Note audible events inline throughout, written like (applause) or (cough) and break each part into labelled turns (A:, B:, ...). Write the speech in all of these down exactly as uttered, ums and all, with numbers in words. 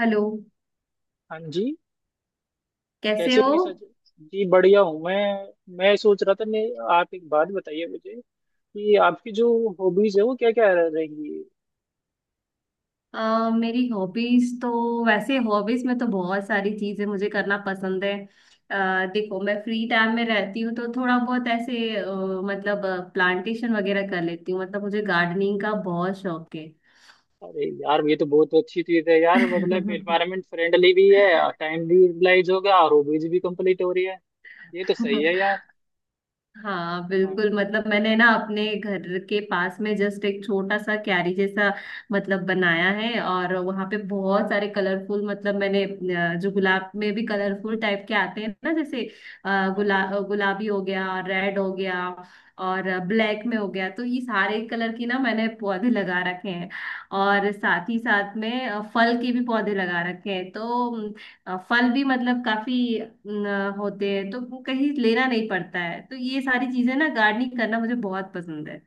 A: Hello.
B: हाँ जी।
A: कैसे
B: कैसे
A: हो?
B: हो निशा जी? जी बढ़िया हूँ मैं। मैं सोच रहा था। मैं आप एक बात बताइए मुझे कि आपकी जो हॉबीज है वो क्या क्या रहेंगी।
A: अ, मेरी हॉबीज तो वैसे हॉबीज में तो बहुत सारी चीजें मुझे करना पसंद है। अ, देखो, मैं फ्री टाइम में रहती हूँ तो थोड़ा बहुत ऐसे अ, मतलब प्लांटेशन वगैरह कर लेती हूँ। मतलब मुझे गार्डनिंग का बहुत शौक है।
B: अरे यार, ये तो बहुत अच्छी चीज है यार। मतलब एनवायरमेंट फ्रेंडली भी है, टाइम भी यूटिलाइज हो गया और हॉबीज भी कंप्लीट हो रही है। ये तो सही है
A: (laughs)
B: यार।
A: हाँ
B: हाँ,
A: बिल्कुल। मतलब मैंने ना अपने घर के पास में जस्ट एक छोटा सा क्यारी जैसा मतलब बनाया है, और वहां पे बहुत सारे कलरफुल, मतलब मैंने अ, जो गुलाब में भी कलरफुल टाइप के आते हैं ना, जैसे अ, गुला
B: हाँ।
A: गुलाबी हो गया, रेड हो गया और ब्लैक में हो गया, तो ये सारे कलर की ना मैंने पौधे लगा रखे हैं। और साथ ही साथ में अ, फल के भी पौधे लगा रखे हैं, तो अ, फल भी मतलब काफी न, होते हैं, तो वो कहीं लेना नहीं पड़ता है। तो ये सारी चीजें ना गार्डनिंग करना मुझे बहुत पसंद है।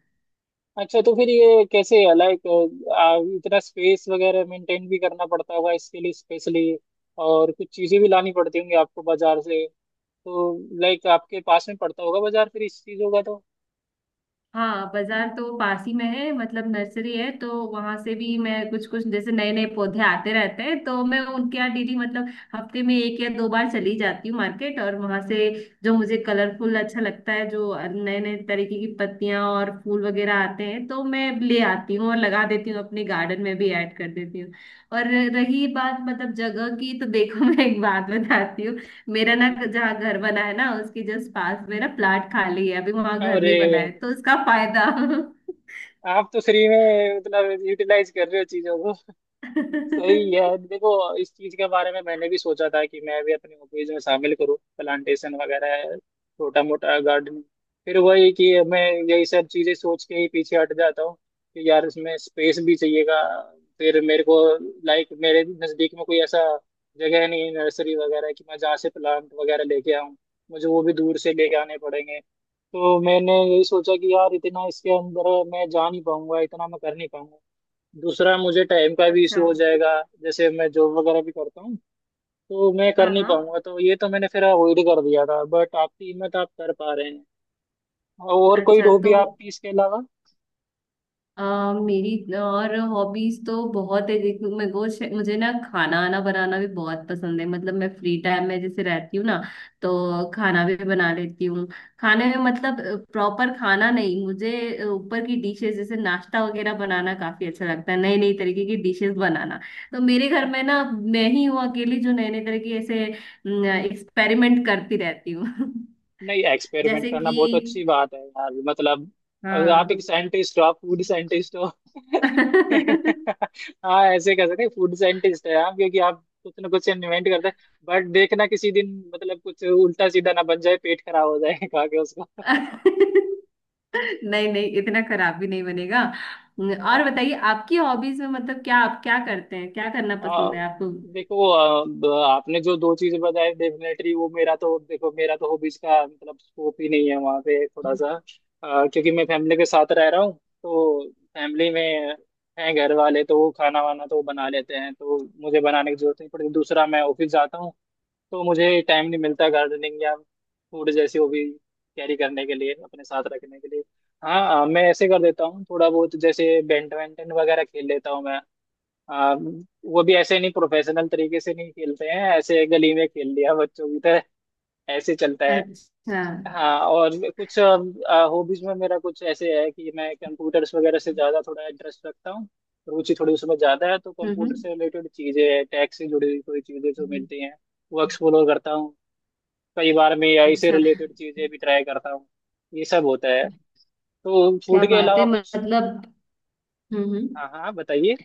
B: अच्छा, तो फिर ये कैसे है लाइक, इतना स्पेस वगैरह मेंटेन भी करना पड़ता होगा इसके लिए स्पेशली। और कुछ चीजें भी लानी पड़ती होंगी आपको बाजार से, तो लाइक आपके पास में पड़ता होगा बाजार फिर इस चीजों का तो।
A: हाँ बाजार तो पास ही में है। मतलब नर्सरी है तो वहां से भी मैं कुछ कुछ, जैसे नए नए पौधे आते रहते हैं तो मैं उनके यहाँ डेली, मतलब हफ्ते में एक या दो बार चली जाती हूँ मार्केट, और वहां से जो मुझे कलरफुल अच्छा लगता है, जो नए नए तरीके की पत्तियां और फूल वगैरह आते हैं तो मैं ले आती हूँ और लगा देती हूँ, अपने गार्डन में भी ऐड कर देती हूँ। और रही बात मतलब जगह की, तो देखो (laughs) मैं एक बात बताती हूँ, मेरा
B: हाँ
A: ना
B: जी।
A: जहाँ घर बना है ना उसके जस्ट पास में ना प्लाट खाली है, अभी वहां घर
B: अरे,
A: नहीं बना है तो उसका फायदा।
B: आप तो फ्री में मतलब यूटिलाइज कर रहे हो चीजों को। सही
A: (laughs)
B: है देखो, इस चीज के बारे में मैंने भी सोचा था कि मैं भी अपनी हॉबीज में शामिल करूँ प्लांटेशन वगैरह, छोटा मोटा गार्डनिंग। फिर वही कि मैं यही सब चीजें सोच के ही पीछे हट जाता हूँ कि यार, इसमें स्पेस भी चाहिएगा। फिर मेरे को लाइक मेरे नजदीक में कोई ऐसा जगह नहीं है नर्सरी वगैरह कि मैं जहाँ से प्लांट वगैरह लेके आऊँ। मुझे वो भी दूर से लेके आने पड़ेंगे। तो मैंने यही सोचा कि यार, इतना इसके अंदर मैं जा नहीं पाऊंगा, इतना मैं कर नहीं पाऊंगा। दूसरा, मुझे टाइम का भी
A: अच्छा।
B: इशू हो जाएगा। जैसे मैं जॉब वगैरह भी करता हूँ, तो मैं कर
A: हाँ
B: नहीं
A: हाँ।
B: पाऊंगा। तो ये तो मैंने फिर अवॉइड कर दिया था, बट आपकी हिम्मत आप कर पा रहे हैं। और कोई
A: अच्छा
B: हॉबी
A: तो
B: आपकी इसके अलावा?
A: आ, मेरी और हॉबीज तो बहुत है। देखो, मेरे को शे- मुझे ना खाना आना बनाना भी बहुत पसंद है। मतलब मैं फ्री टाइम में जैसे रहती हूँ ना, तो खाना भी बना लेती हूँ। खाने में मतलब प्रॉपर खाना नहीं, मुझे अ, ऊपर की डिशेस जैसे नाश्ता वगैरह बनाना काफी अच्छा लगता है, नई नई तरीके की डिशेस बनाना। तो मेरे घर में ना मैं ही हूँ अकेली जो नए नए तरह की ऐसे एक्सपेरिमेंट करती रहती हूँ। (laughs)
B: नहीं, एक्सपेरिमेंट
A: जैसे
B: करना
A: कि
B: बहुत अच्छी बात है यार। मतलब अगर आप एक
A: हाँ।
B: साइंटिस्ट हो, आप फूड साइंटिस्ट हो (laughs)
A: (laughs)
B: हाँ ऐसे कह सकते हैं फूड साइंटिस्ट है आप, क्योंकि आप कुछ ना कुछ इन्वेंट करते हैं। बट देखना किसी दिन मतलब कुछ उल्टा सीधा ना बन जाए, पेट खराब हो जाए खा के उसका।
A: नहीं नहीं, इतना खराब भी नहीं बनेगा। और बताइए, आपकी हॉबीज में मतलब क्या, आप क्या करते हैं, क्या करना
B: आ,
A: पसंद है आपको?
B: देखो, आ, ब- आपने जो दो चीजें बताई डेफिनेटली वो, मेरा तो, देखो मेरा तो हॉबीज का मतलब स्कोप ही नहीं है वहाँ पे थोड़ा सा। आ, क्योंकि मैं फैमिली के साथ रह रहा हूँ तो फैमिली में हैं घर वाले, तो वो खाना वाना तो वो बना लेते हैं, तो मुझे बनाने की जरूरत नहीं पड़ती। दूसरा, मैं ऑफिस जाता हूँ तो मुझे टाइम नहीं मिलता गार्डनिंग या फूड जैसी हॉबी कैरी करने के लिए, अपने साथ रखने के लिए। हाँ, आ, मैं ऐसे कर देता हूँ थोड़ा बहुत, जैसे बैडमिंटन वगैरह खेल लेता हूँ मैं। आ, वो भी ऐसे नहीं, प्रोफेशनल तरीके से नहीं खेलते हैं, ऐसे गली में खेल लिया बच्चों की तरह। ऐसे चलता है।
A: अच्छा। हम्म।
B: हाँ, और कुछ हॉबीज में मेरा कुछ ऐसे है कि मैं कंप्यूटर्स वगैरह से ज़्यादा थोड़ा इंटरेस्ट रखता हूँ। रुचि थोड़ी उसमें ज़्यादा है, तो कंप्यूटर से रिलेटेड चीज़ें, टैक्स से जुड़ी हुई कोई चीज़ें जो
A: हम्म।
B: मिलती हैं वो एक्सप्लोर करता हूँ। कई बार मैं ए आई से
A: अच्छा,
B: रिलेटेड चीज़ें भी ट्राई करता हूँ। ये सब होता है। तो
A: क्या
B: फूड के
A: बात
B: अलावा
A: है
B: कुछ।
A: मतलब। हम्म।
B: हाँ हाँ, बताइए।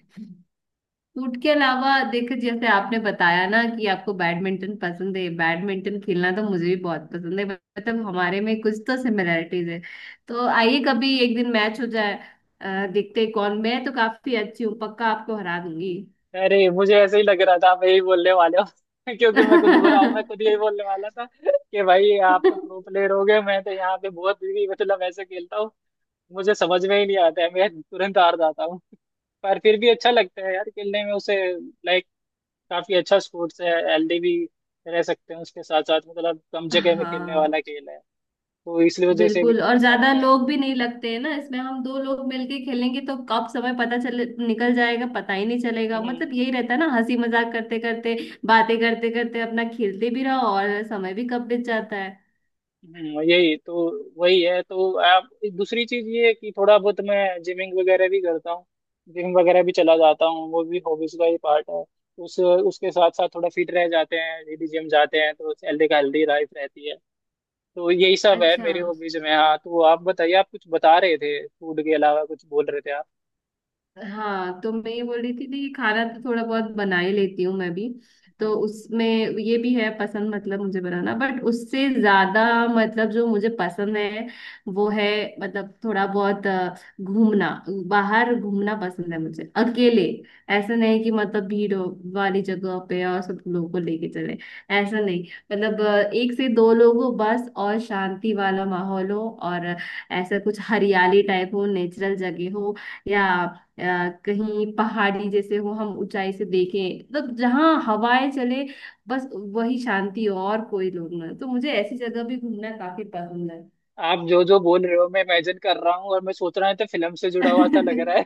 A: फूड के अलावा देखो, जैसे आपने बताया ना कि आपको बैडमिंटन पसंद है, बैडमिंटन खेलना तो मुझे भी बहुत पसंद है। मतलब हमारे में कुछ तो सिमिलरिटीज है, तो आइए कभी एक दिन मैच हो जाए। अ, देखते हैं कौन। मैं तो काफी अच्छी हूँ पक्का, आपको हरा दूंगी।
B: अरे, मुझे ऐसे ही लग रहा था आप यही बोलने वाले हो (laughs) क्योंकि मैं खुद बुरा हूँ, मैं खुद यही
A: (laughs)
B: बोलने वाला था कि भाई आप तो प्रो प्लेयर हो गए, मैं तो यहाँ पे बहुत ही मतलब ऐसे खेलता हूँ। मुझे समझ में ही नहीं आता है, मैं तुरंत हार जाता हूँ (laughs) पर फिर भी अच्छा लगता है यार, खेलने में उसे। लाइक, काफी अच्छा स्पोर्ट्स है, हेल्दी भी रह सकते हैं उसके साथ साथ। मतलब कम जगह में खेलने वाला
A: हाँ
B: खेल है, तो इसलिए वजह से भी
A: बिल्कुल।
B: थोड़ा
A: और
B: सा
A: ज्यादा
B: रखा है।
A: लोग भी नहीं लगते हैं ना इसमें, हम दो लोग मिलके खेलेंगे तो कब समय पता चले निकल जाएगा, पता ही नहीं चलेगा। मतलब
B: हम्म।
A: यही रहता है ना, हंसी मजाक करते करते, बातें करते करते अपना खेलते भी रहो और समय भी कब बीत जाता है।
B: हम्म, यही तो, वही है तो आप। दूसरी चीज ये है कि थोड़ा बहुत मैं जिमिंग वगैरह भी करता हूँ, जिम वगैरह भी चला जाता हूँ। वो भी हॉबीज का ही पार्ट है। उस उसके साथ साथ थोड़ा फिट रह जाते हैं यदि जिम जाते हैं, तो हेल्दी का हेल्दी लाइफ रहती है। तो यही सब है
A: अच्छा।
B: मेरी हॉबीज में। हाँ, तो आप बताइए, आप कुछ बता रहे थे, फूड के अलावा कुछ बोल रहे थे आप।
A: हाँ तो मैं ये बोल रही थी कि खाना तो थोड़ा बहुत बना ही लेती हूँ मैं भी, तो
B: हम्म।
A: उसमें ये भी है पसंद मतलब मुझे बनाना, बट उससे ज्यादा मतलब जो मुझे पसंद है वो है, मतलब थोड़ा बहुत अ, घूमना, बाहर घूमना पसंद है मुझे, अकेले। ऐसा नहीं कि मतलब भीड़ हो वाली जगह पे और सब लोगों को लेके चले, ऐसा नहीं। मतलब अ, एक से दो लोग हो बस, और शांति वाला माहौल हो, और ऐसा कुछ हरियाली टाइप हो, नेचुरल जगह हो, या अ, कहीं पहाड़ी जैसे हो, हम ऊंचाई से देखें, मतलब जहाँ हवाएं चले, बस वही शांति हो, और कोई लोग ना, तो मुझे ऐसी जगह भी घूमना काफी पसंद है।
B: आप जो जो बोल रहे हो मैं इमेजिन कर रहा हूँ और मैं सोच रहा हूँ, तो फिल्म से जुड़ा हुआ सा लग रहा।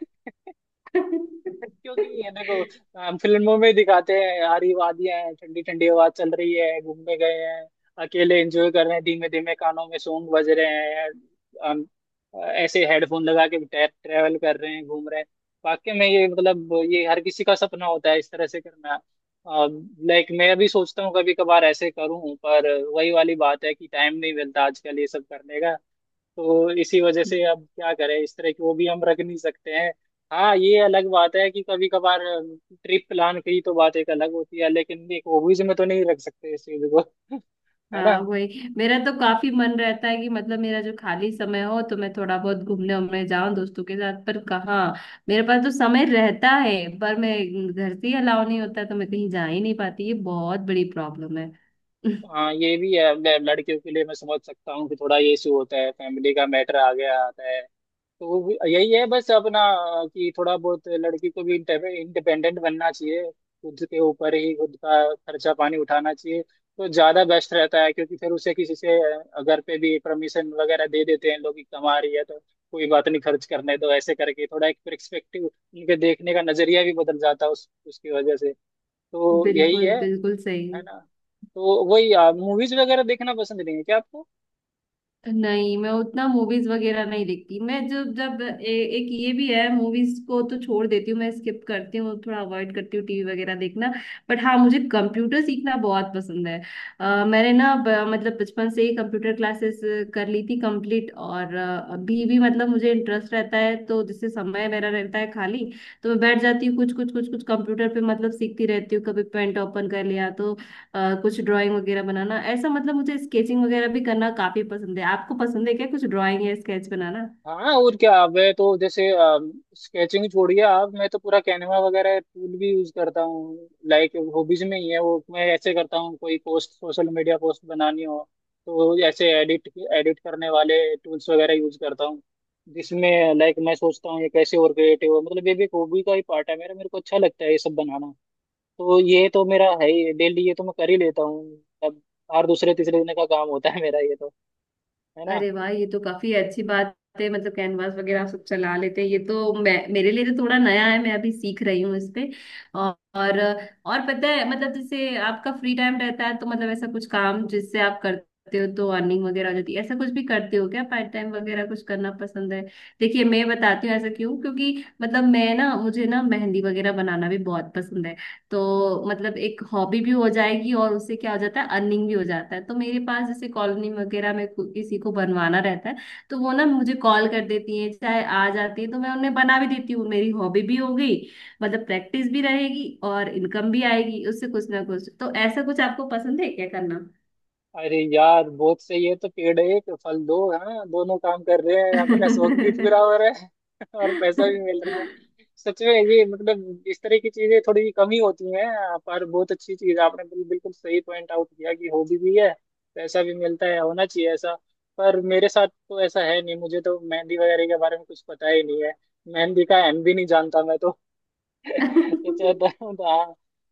B: क्योंकि ये देखो,
A: (laughs)
B: हम फिल्मों में दिखाते हैं, हरी वादियां हैं, ठंडी ठंडी हवा चल रही है, घूमने गए हैं अकेले, एंजॉय कर रहे हैं, धीमे धीमे कानों में सॉन्ग बज रहे हैं, हम ऐसे हेडफोन लगा के ट्रेवल कर रहे हैं, घूम रहे हैं। वाकई में ये मतलब ये हर किसी का सपना होता है इस तरह से करना। लाइक मैं भी सोचता हूँ कभी कभार ऐसे करूँ, पर वही वाली बात है कि टाइम नहीं मिलता आजकल ये सब करने का। तो इसी वजह से अब क्या करें, इस तरह की वो भी हम रख नहीं सकते हैं। हाँ, ये अलग बात है कि कभी कभार ट्रिप प्लान की तो बात एक अलग होती है, लेकिन एक हॉबीज में तो नहीं रख सकते इस चीज को (laughs) है
A: हाँ
B: ना?
A: वही, मेरा तो काफी मन रहता है कि मतलब मेरा जो खाली समय हो तो मैं थोड़ा बहुत घूमने उमने जाऊं दोस्तों के साथ, पर कहाँ। मेरे पास तो समय रहता है, पर मैं घर से ही अलाउ नहीं होता, तो मैं कहीं जा ही नहीं पाती। ये बहुत बड़ी प्रॉब्लम है। (laughs)
B: हाँ, ये भी है। ल- लड़कियों के लिए मैं समझ सकता हूँ कि थोड़ा ये इशू होता है, फैमिली का मैटर आ गया आता है। तो वो- यही है बस अपना, कि थोड़ा बहुत लड़की को भी इंडिपेंडेंट बनना चाहिए, खुद के ऊपर ही खुद का खर्चा पानी उठाना चाहिए, तो ज्यादा बेस्ट रहता है। क्योंकि फिर उसे किसी से, अ, घर पे भी परमिशन वगैरह दे देते हैं लोग कि कमा रही है, तो कोई बात नहीं खर्च करने दो। ऐसे करके थोड़ा एक पर्सपेक्टिव, उनके देखने का नजरिया भी बदल जाता है उस उसकी वजह से। तो यही
A: बिल्कुल
B: है।
A: बिल्कुल सही।
B: है ना? तो वही, मूवीज वगैरह देखना पसंद नहीं है क्या आपको?
A: नहीं मैं उतना मूवीज वगैरह नहीं देखती। मैं जब जब ए, एक ये भी है, मूवीज को तो छोड़ देती हूँ मैं, स्किप करती हूँ, थोड़ा अवॉइड करती हूँ टीवी वगैरह देखना। बट हाँ, मुझे कंप्यूटर सीखना बहुत पसंद है। अ, मैंने ना ब- मतलब बचपन से ही कंप्यूटर क्लासेस कर ली थी कंप्लीट, और अ, अभी भी मतलब मुझे इंटरेस्ट रहता है, तो जिससे समय मेरा रहता है खाली तो मैं बैठ जाती हूँ कुछ कुछ कुछ कुछ कंप्यूटर पे, मतलब सीखती रहती हूँ। कभी पेंट ओपन कर लिया तो अ, कुछ ड्राइंग वगैरह बनाना, ऐसा मतलब मुझे स्केचिंग वगैरह भी करना काफी पसंद है। आपको पसंद है क्या कुछ ड्राइंग या स्केच बनाना?
B: हाँ, और क्या! मैं तो जैसे, स्केचिंग छोड़िए आप, मैं तो पूरा कैनवा वगैरह टूल भी यूज करता हूँ। लाइक हॉबीज में ही है वो। मैं ऐसे करता हूँ, कोई पोस्ट सोशल मीडिया पोस्ट बनानी हो तो ऐसे एडिट एडिट करने वाले टूल्स वगैरह यूज करता हूँ। जिसमें लाइक मैं सोचता हूँ ये कैसे और क्रिएटिव हो, मतलब ये भी एक हॉबी का ही पार्ट है मेरा, मेरे को अच्छा लगता है ये सब बनाना। तो ये तो मेरा है ही डेली, ये तो मैं कर ही लेता हूँ अब, हर दूसरे तीसरे दिन का काम होता है मेरा ये तो। है ना?
A: अरे वाह, ये तो काफी अच्छी बात है। मतलब कैनवास वगैरह आप सब चला लेते हैं, ये तो, मैं मेरे लिए तो थोड़ा नया है, मैं अभी सीख रही हूँ इस पे। और और और पता है मतलब जैसे आपका फ्री टाइम रहता है, तो मतलब ऐसा कुछ काम जिससे आप करते हो तो अर्निंग वगैरह हो जाती है, ऐसा कुछ भी करते हो क्या? पार्ट टाइम वगैरह कुछ करना पसंद है? देखिए मैं बताती हूँ ऐसा क्यों, क्योंकि मतलब मैं ना, मुझे ना मेहंदी वगैरह बनाना भी बहुत पसंद है, तो मतलब एक हॉबी भी हो जाएगी और उससे क्या हो जाता है अर्निंग भी हो जाता है। तो मेरे पास जैसे कॉलोनी वगैरह में कु- किसी को बनवाना रहता है, तो वो ना मुझे कॉल कर देती है चाहे आ जाती है तो मैं उन्हें बना भी देती हूँ, मेरी हॉबी भी हो गई, मतलब प्रैक्टिस भी रहेगी और इनकम भी आएगी उससे कुछ ना कुछ। तो ऐसा कुछ आपको पसंद है क्या करना?
B: अरे यार, बहुत सही है, तो पेड़ एक फल दो। हाँ, दोनों काम कर रहे हैं, अपना शौक भी पूरा हो रहा है (laughs) और पैसा भी मिल रहा है।
A: (laughs)
B: सच में, ये मतलब इस तरह की चीजें थोड़ी कम ही होती हैं, पर बहुत अच्छी चीज है। आपने बिल, बिल्कुल सही पॉइंट आउट किया कि हॉबी भी है, पैसा भी मिलता है, होना चाहिए ऐसा। पर मेरे साथ तो ऐसा है नहीं, मुझे तो मेहंदी वगैरह के बारे में कुछ पता ही नहीं है, मेहंदी का एम भी नहीं जानता मैं तो। (laughs) अच्छा तो, तो हाँ,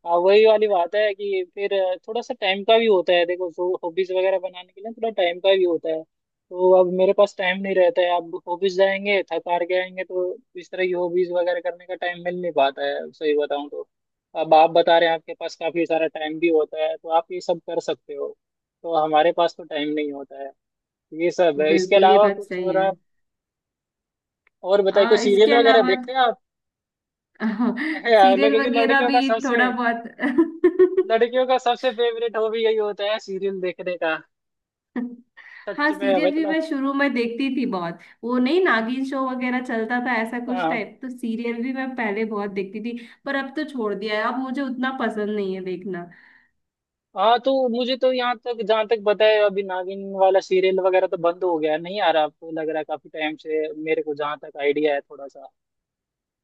B: हाँ वही वाली बात है कि फिर, थोड़ा सा टाइम का भी होता है देखो। सो हॉबीज वगैरह बनाने के लिए थोड़ा टाइम का भी होता है, तो अब मेरे पास टाइम नहीं रहता है। अब हॉबीज जाएंगे, थक हार के आएंगे, तो इस तरह की हॉबीज वगैरह करने का टाइम मिल नहीं पाता है सही बताऊं तो। अब आप बता रहे हैं आपके पास काफी सारा टाइम भी होता है, तो आप ये सब कर सकते हो, तो हमारे पास तो टाइम नहीं होता है। ये सब है। इसके
A: बिल्कुल ये
B: अलावा
A: बात
B: कुछ
A: सही
B: और
A: है।
B: आप? और बताइए,
A: आ,
B: कुछ
A: इसके
B: सीरियल वगैरह
A: अलावा
B: देखते हैं आप? (laughs)
A: (laughs)
B: है,
A: सीरियल
B: लड़के की
A: वगैरह
B: लड़कियों का
A: भी
B: सबसे
A: थोड़ा बहुत।
B: लड़कियों का सबसे फेवरेट हॉबी यही होता है, सीरियल देखने का।
A: (laughs) हाँ
B: सच में,
A: सीरियल भी
B: मतलब
A: मैं शुरू में देखती थी बहुत, वो नहीं नागिन शो वगैरह चलता था ऐसा कुछ
B: हाँ।
A: टाइप, तो सीरियल भी मैं पहले बहुत देखती थी, पर अब तो छोड़ दिया है, अब मुझे उतना पसंद नहीं है देखना।
B: हाँ, तो मुझे तो यहाँ तक, जहाँ तक पता है, अभी नागिन वाला सीरियल वगैरह तो बंद हो गया है, नहीं आ रहा, आपको लग रहा है? काफी टाइम से मेरे को जहाँ तक आइडिया है, थोड़ा सा।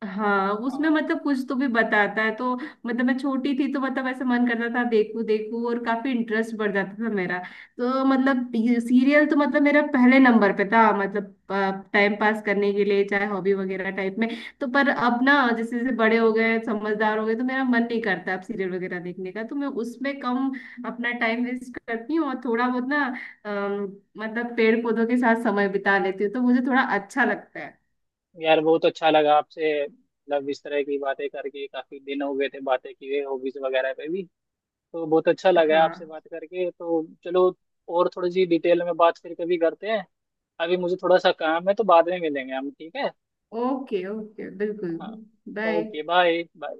A: हाँ उसमें
B: हाँ।
A: मतलब कुछ तो भी बताता है, तो मतलब मैं छोटी थी तो मतलब ऐसे मन करता था, देखूं देखूं, और काफी इंटरेस्ट बढ़ जाता था मेरा, तो मतलब सीरियल तो मतलब मेरा पहले नंबर पे था, मतलब टाइम पास करने के लिए, चाहे हॉबी वगैरह टाइप में। तो पर अब ना जैसे जैसे बड़े हो गए, समझदार हो गए, तो मेरा मन नहीं करता अब सीरियल वगैरह देखने का, तो मैं उसमें कम अपना टाइम वेस्ट करती हूँ और थोड़ा बहुत ना अम, मतलब पेड़ पौधों के साथ समय बिता लेती हूँ, तो मुझे थोड़ा अच्छा लगता है।
B: यार बहुत अच्छा लगा आपसे, मतलब इस तरह की बातें करके। काफी दिन हो गए थे बातें किए, हॉबीज वगैरह पे भी। तो बहुत अच्छा लगा
A: हाँ।
B: आपसे बात करके। तो चलो, और थोड़ी सी डिटेल में बात फिर कभी करते हैं। अभी मुझे थोड़ा सा काम है, तो बाद में मिलेंगे हम, ठीक है?
A: ओके ओके बिल्कुल।
B: हाँ,
A: बाय।
B: Okay, bye bye.